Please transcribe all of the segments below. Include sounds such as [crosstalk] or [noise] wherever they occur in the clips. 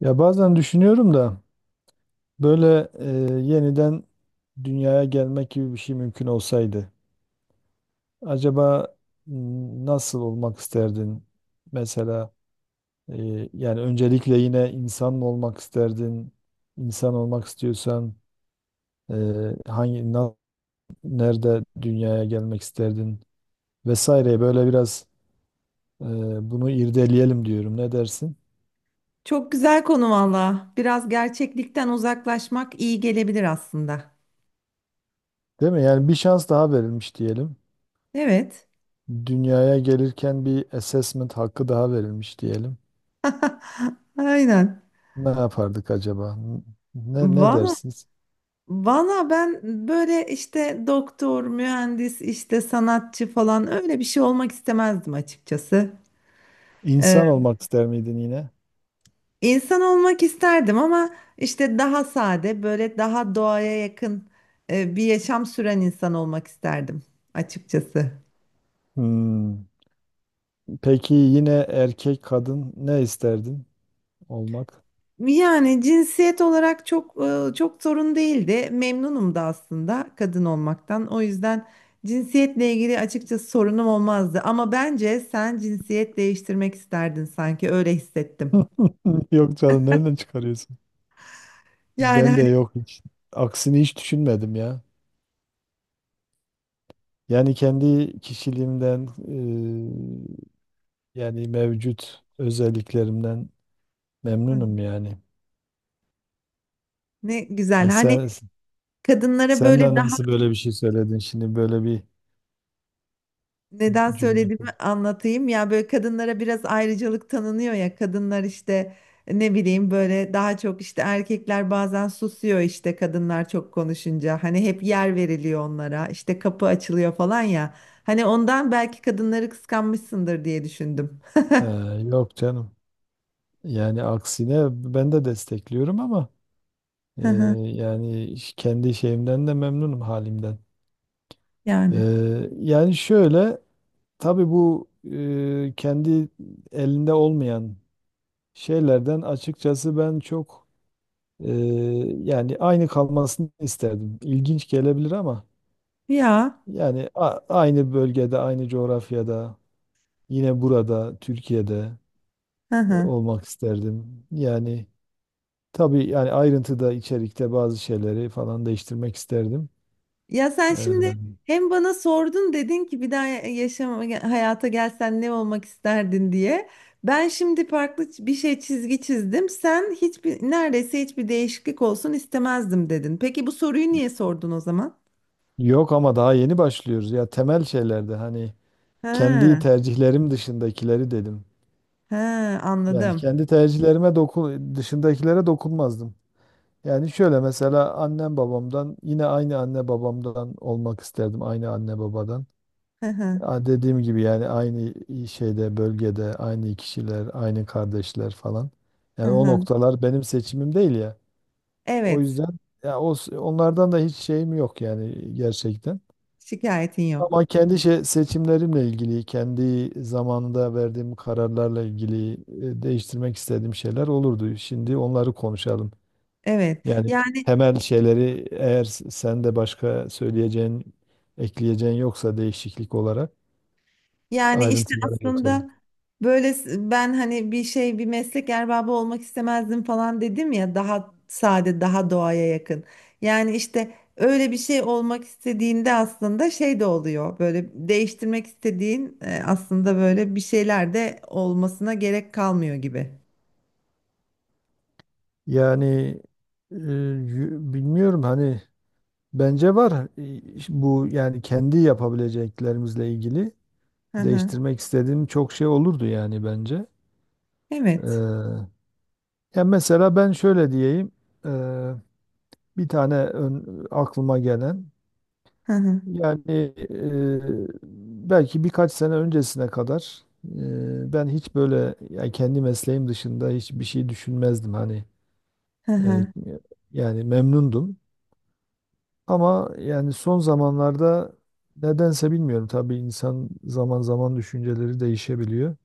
Ya bazen düşünüyorum da böyle yeniden dünyaya gelmek gibi bir şey mümkün olsaydı acaba nasıl olmak isterdin? Mesela yani öncelikle yine insan mı olmak isterdin? İnsan olmak istiyorsan e, hangi na- nerede dünyaya gelmek isterdin? Vesaire böyle biraz e, bunu irdeleyelim diyorum. Ne dersin? Çok güzel konu valla. Biraz gerçeklikten uzaklaşmak iyi gelebilir aslında. Değil mi? Yani bir şans daha verilmiş diyelim. Evet. Dünyaya gelirken bir assessment hakkı daha verilmiş diyelim. [laughs] Aynen. Ne yapardık acaba? Ne Valla dersiniz? valla ben böyle işte doktor, mühendis, işte sanatçı falan öyle bir şey olmak istemezdim açıkçası. Ee, İnsan olmak ister miydin yine? insan olmak isterdim ama işte daha sade, böyle daha doğaya yakın bir yaşam süren insan olmak isterdim açıkçası. Hmm. Peki yine erkek kadın ne isterdin olmak? Yani cinsiyet olarak çok sorun değildi. Memnunum da aslında kadın olmaktan. O yüzden cinsiyetle ilgili açıkçası sorunum olmazdı. Ama bence sen cinsiyet değiştirmek isterdin, sanki öyle hissettim. [laughs] Yok canım, nereden çıkarıyorsun? Yani Ben de hani yok hiç. Aksini hiç düşünmedim ya. Yani kendi kişiliğimden yani mevcut özelliklerimden memnunum yani. ne güzel. Ha, Hani sen. kadınlara Sen de böyle... nasıl böyle bir şey söyledin şimdi, böyle bir Neden cümle kur. söylediğimi anlatayım. Ya, böyle kadınlara biraz ayrıcalık tanınıyor ya. Kadınlar işte ne bileyim, böyle daha çok işte erkekler bazen susuyor, işte kadınlar çok konuşunca. Hani hep yer veriliyor onlara. İşte kapı açılıyor falan ya. Hani ondan belki kadınları kıskanmışsındır diye düşündüm. Ee, Yok canım. Yani aksine ben de destekliyorum ama [laughs] e, Hı hı. yani kendi şeyimden de memnunum, halimden. Yani. Yani şöyle, tabii bu kendi elinde olmayan şeylerden açıkçası ben çok e, yani aynı kalmasını isterdim. İlginç gelebilir ama Ya. yani aynı bölgede, aynı coğrafyada, yine burada, Türkiye'de Hı hı. olmak isterdim. Yani tabii yani ayrıntıda, içerikte bazı şeyleri falan değiştirmek isterdim. Ya sen şimdi Ee, hem bana sordun, dedin ki bir daha yaşam hayata gelsen ne olmak isterdin diye. Ben şimdi farklı bir şey çizgi çizdim. Sen hiçbir, neredeyse hiçbir değişiklik olsun istemezdim dedin. Peki bu soruyu niye sordun o zaman? Yok ama daha yeni başlıyoruz. Ya temel şeylerde hani kendi Ha, tercihlerim dışındakileri dedim. ha, Yani anladım. kendi tercihlerime dokun, dışındakilere dokunmazdım. Yani şöyle, mesela annem babamdan, yine aynı anne babamdan olmak isterdim. Aynı anne babadan. Hı hı, Ya, dediğim gibi yani aynı şeyde, bölgede, aynı kişiler, aynı kardeşler falan. hı Yani o hı. noktalar benim seçimim değil ya. O Evet, yüzden ya onlardan da hiç şeyim yok yani gerçekten. şikayetin Ama yok. kendi şey, seçimlerimle ilgili, kendi zamanında verdiğim kararlarla ilgili değiştirmek istediğim şeyler olurdu. Şimdi onları konuşalım. Evet. Yani yani temel şeyleri, eğer sen de başka söyleyeceğin, ekleyeceğin yoksa değişiklik olarak Yani işte ayrıntılara geçelim. aslında böyle ben hani bir şey, bir meslek erbabı olmak istemezdim falan dedim ya, daha sade daha doğaya yakın. Yani işte öyle bir şey olmak istediğinde aslında şey de oluyor, böyle değiştirmek istediğin aslında böyle bir şeyler de olmasına gerek kalmıyor gibi. Yani bilmiyorum, hani bence var. Bu yani kendi yapabileceklerimizle ilgili Hı hı. değiştirmek istediğim çok şey olurdu yani bence. Evet. Ee, Ya mesela ben şöyle diyeyim, e, bir tane aklıma gelen, Hı hı. yani belki birkaç sene öncesine kadar ben hiç böyle yani kendi mesleğim dışında hiçbir şey düşünmezdim hani. Hı E, hı. Yani memnundum. Ama yani son zamanlarda nedense, bilmiyorum, tabii insan zaman zaman düşünceleri değişebiliyor.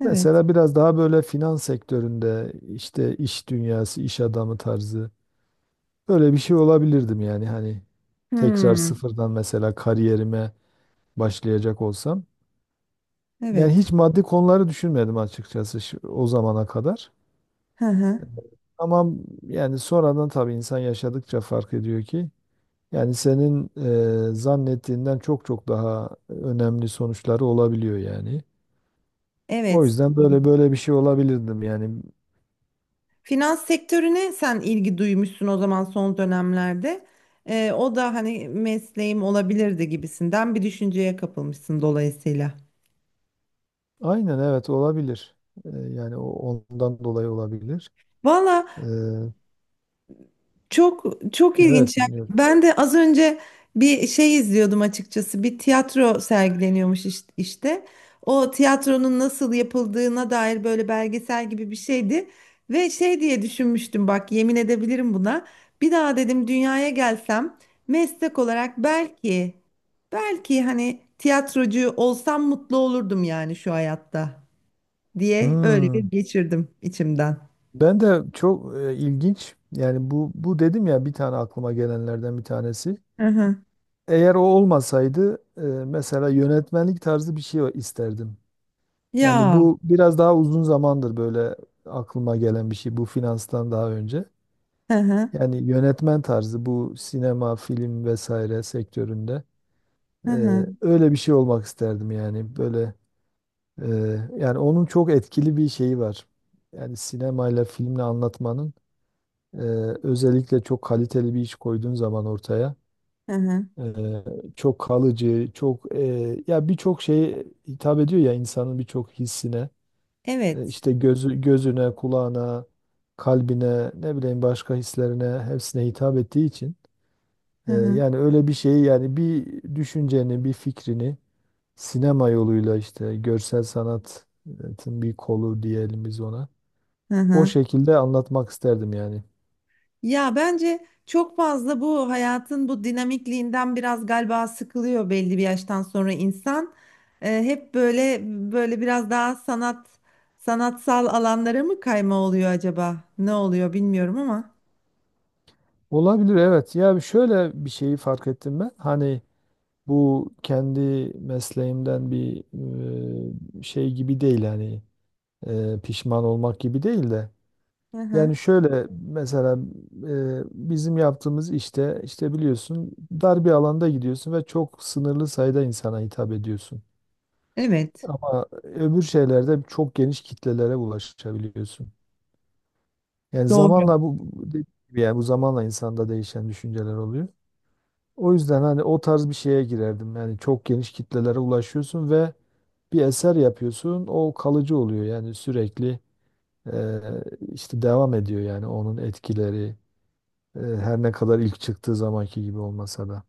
Evet. Mesela biraz daha böyle finans sektöründe, işte iş dünyası, iş adamı tarzı böyle bir şey olabilirdim yani, hani tekrar Hmm. sıfırdan mesela kariyerime başlayacak olsam. Yani Evet. hiç maddi konuları düşünmedim açıkçası o zamana kadar. Hı hı. Ama yani sonradan tabii insan yaşadıkça fark ediyor ki yani senin zannettiğinden çok çok daha önemli sonuçları olabiliyor yani. O Evet. yüzden böyle bir şey olabilirdim yani. Finans sektörüne sen ilgi duymuşsun o zaman, son dönemlerde. O da hani mesleğim olabilirdi gibisinden bir düşünceye kapılmışsın dolayısıyla. Aynen evet, olabilir. Yani o ondan dolayı olabilir. Valla, E, çok çok evet, ilginç. Yani dinliyorum. ben de az önce bir şey izliyordum açıkçası. Bir tiyatro sergileniyormuş işte. O tiyatronun nasıl yapıldığına dair böyle belgesel gibi bir şeydi. Ve şey diye düşünmüştüm, bak yemin edebilirim buna. Bir daha dedim dünyaya gelsem, meslek olarak belki hani tiyatrocu olsam mutlu olurdum yani şu hayatta diye öyle bir Hmm. geçirdim içimden. Ben de çok ilginç yani bu dedim ya, bir tane aklıma gelenlerden bir tanesi. Hı hı. Eğer o olmasaydı mesela yönetmenlik tarzı bir şey isterdim. Yani Ya. bu biraz daha uzun zamandır böyle aklıma gelen bir şey, bu finanstan daha önce. Hı hı. Yani yönetmen tarzı, bu sinema, film vesaire sektöründe e, Hı hı. öyle bir şey olmak isterdim yani, böyle e, yani onun çok etkili bir şeyi var. Yani sinemayla, filmle anlatmanın, e, özellikle çok kaliteli bir iş koyduğun zaman ortaya, Hı hı. e, çok kalıcı, çok ya birçok şeye hitap ediyor ya, insanın birçok hissine. Evet. İşte gözü, gözüne, kulağına, kalbine, ne bileyim başka hislerine, hepsine hitap ettiği için Hı hı, yani öyle bir şeyi, yani bir düşünceni, bir fikrini sinema yoluyla, işte görsel sanatın bir kolu diyelim biz ona, hı o hı. şekilde anlatmak isterdim yani. Ya bence çok fazla bu hayatın bu dinamikliğinden biraz galiba sıkılıyor belli bir yaştan sonra insan. Hep böyle böyle biraz daha sanatsal alanlara mı kayma oluyor acaba? Ne oluyor bilmiyorum ama. Olabilir, evet. Ya şöyle bir şeyi fark ettim ben. Hani bu kendi mesleğimden bir şey gibi değil, hani pişman olmak gibi değil de Hı hı. yani şöyle, mesela bizim yaptığımız işte, işte biliyorsun, dar bir alanda gidiyorsun ve çok sınırlı sayıda insana hitap ediyorsun. Evet. Ama öbür şeylerde çok geniş kitlelere ulaşabiliyorsun. Yani Doğru. zamanla bu dediğim gibi, yani bu zamanla insanda değişen düşünceler oluyor. O yüzden hani o tarz bir şeye girerdim. Yani çok geniş kitlelere ulaşıyorsun ve bir eser yapıyorsun. O kalıcı oluyor yani, sürekli e, işte devam ediyor yani onun etkileri, her ne kadar ilk çıktığı zamanki gibi olmasa da.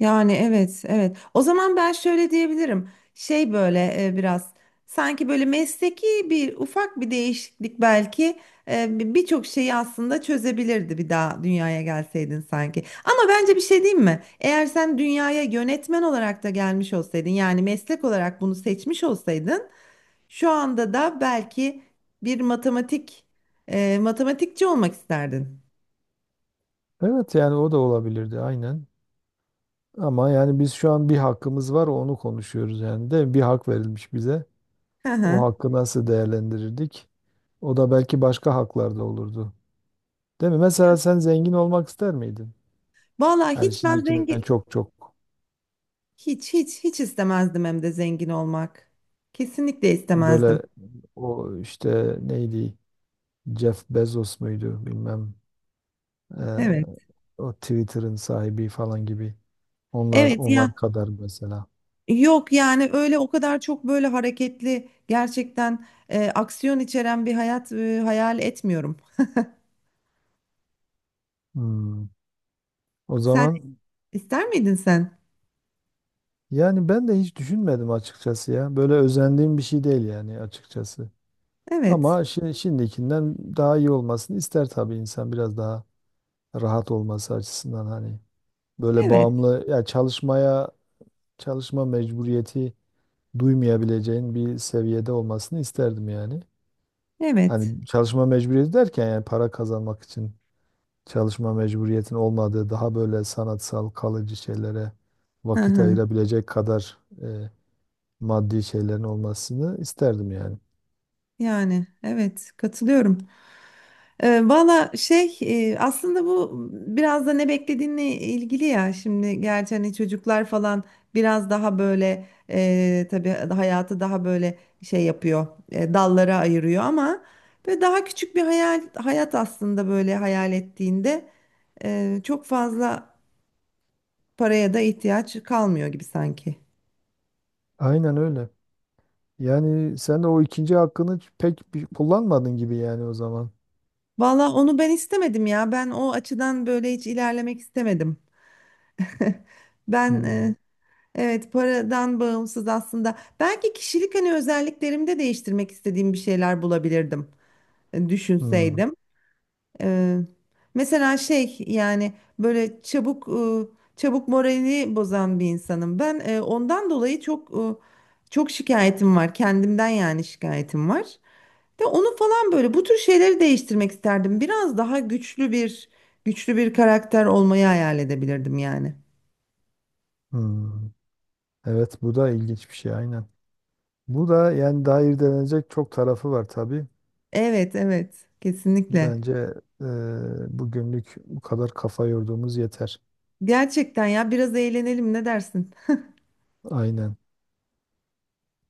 Yani evet, evet. O zaman ben şöyle diyebilirim. Şey böyle biraz sanki böyle mesleki bir ufak bir değişiklik belki birçok şeyi aslında çözebilirdi bir daha dünyaya gelseydin sanki. Ama bence bir şey diyeyim mi? Eğer sen dünyaya yönetmen olarak da gelmiş olsaydın, yani meslek olarak bunu seçmiş olsaydın, şu anda da belki bir matematikçi olmak isterdin. Evet yani, o da olabilirdi aynen. Ama yani biz şu an bir hakkımız var, onu konuşuyoruz yani, de bir hak verilmiş bize. Hı O hı. hakkı nasıl değerlendirirdik? O da belki başka haklarda olurdu. Değil mi? Mesela sen zengin olmak ister miydin? Vallahi Yani hiç, ben şimdikinden zengin... çok çok. Hiç, hiç, hiç istemezdim hem de zengin olmak. Kesinlikle istemezdim. Böyle, o işte neydi, Jeff Bezos muydu bilmem, eee, Evet. o Twitter'ın sahibi falan gibi, onlar Evet onlar ya, kadar mesela. yok yani öyle o kadar çok böyle hareketli, gerçekten aksiyon içeren bir hayat hayal etmiyorum. Hmm. O Sen zaman ister miydin sen? yani ben de hiç düşünmedim açıkçası ya. Böyle özendiğim bir şey değil yani açıkçası. Evet. Ama şimdikinden daha iyi olmasını ister tabii insan, biraz daha rahat olması açısından, hani böyle Evet. bağımlı ya çalışmaya, çalışma mecburiyeti duymayabileceğin bir seviyede olmasını isterdim yani. Evet. Hani çalışma mecburiyeti derken yani para kazanmak için çalışma mecburiyetin olmadığı, daha böyle sanatsal kalıcı şeylere Hı vakit hı. ayırabilecek kadar maddi şeylerin olmasını isterdim yani. Yani evet, katılıyorum. Valla şey, aslında bu biraz da ne beklediğinle ilgili ya, şimdi gerçi hani çocuklar falan biraz daha böyle tabii hayatı daha böyle şey yapıyor, dallara ayırıyor ama böyle daha küçük bir hayat aslında, böyle hayal ettiğinde çok fazla paraya da ihtiyaç kalmıyor gibi sanki. Aynen öyle. Yani sen de o ikinci hakkını pek bir kullanmadın gibi yani o zaman. Valla onu ben istemedim ya, ben o açıdan böyle hiç ilerlemek istemedim. [laughs] Ben Hmm, e, Evet, paradan bağımsız aslında. Belki kişilik hani özelliklerimde değiştirmek istediğim bir şeyler bulabilirdim. Hmm, Düşünseydim. Ee, Mesela şey yani böyle çabuk moralini bozan bir insanım. Ben ondan dolayı çok şikayetim var. Kendimden yani şikayetim var. Ve onu falan böyle bu tür şeyleri değiştirmek isterdim. Biraz daha güçlü bir karakter olmayı hayal edebilirdim yani. hmm. Evet, bu da ilginç bir şey aynen. Bu da yani daha irdelenecek çok tarafı var tabii. Evet, evet. Kesinlikle. Bence bugünlük bu kadar kafa yorduğumuz yeter. Gerçekten ya, biraz eğlenelim, ne dersin? Aynen.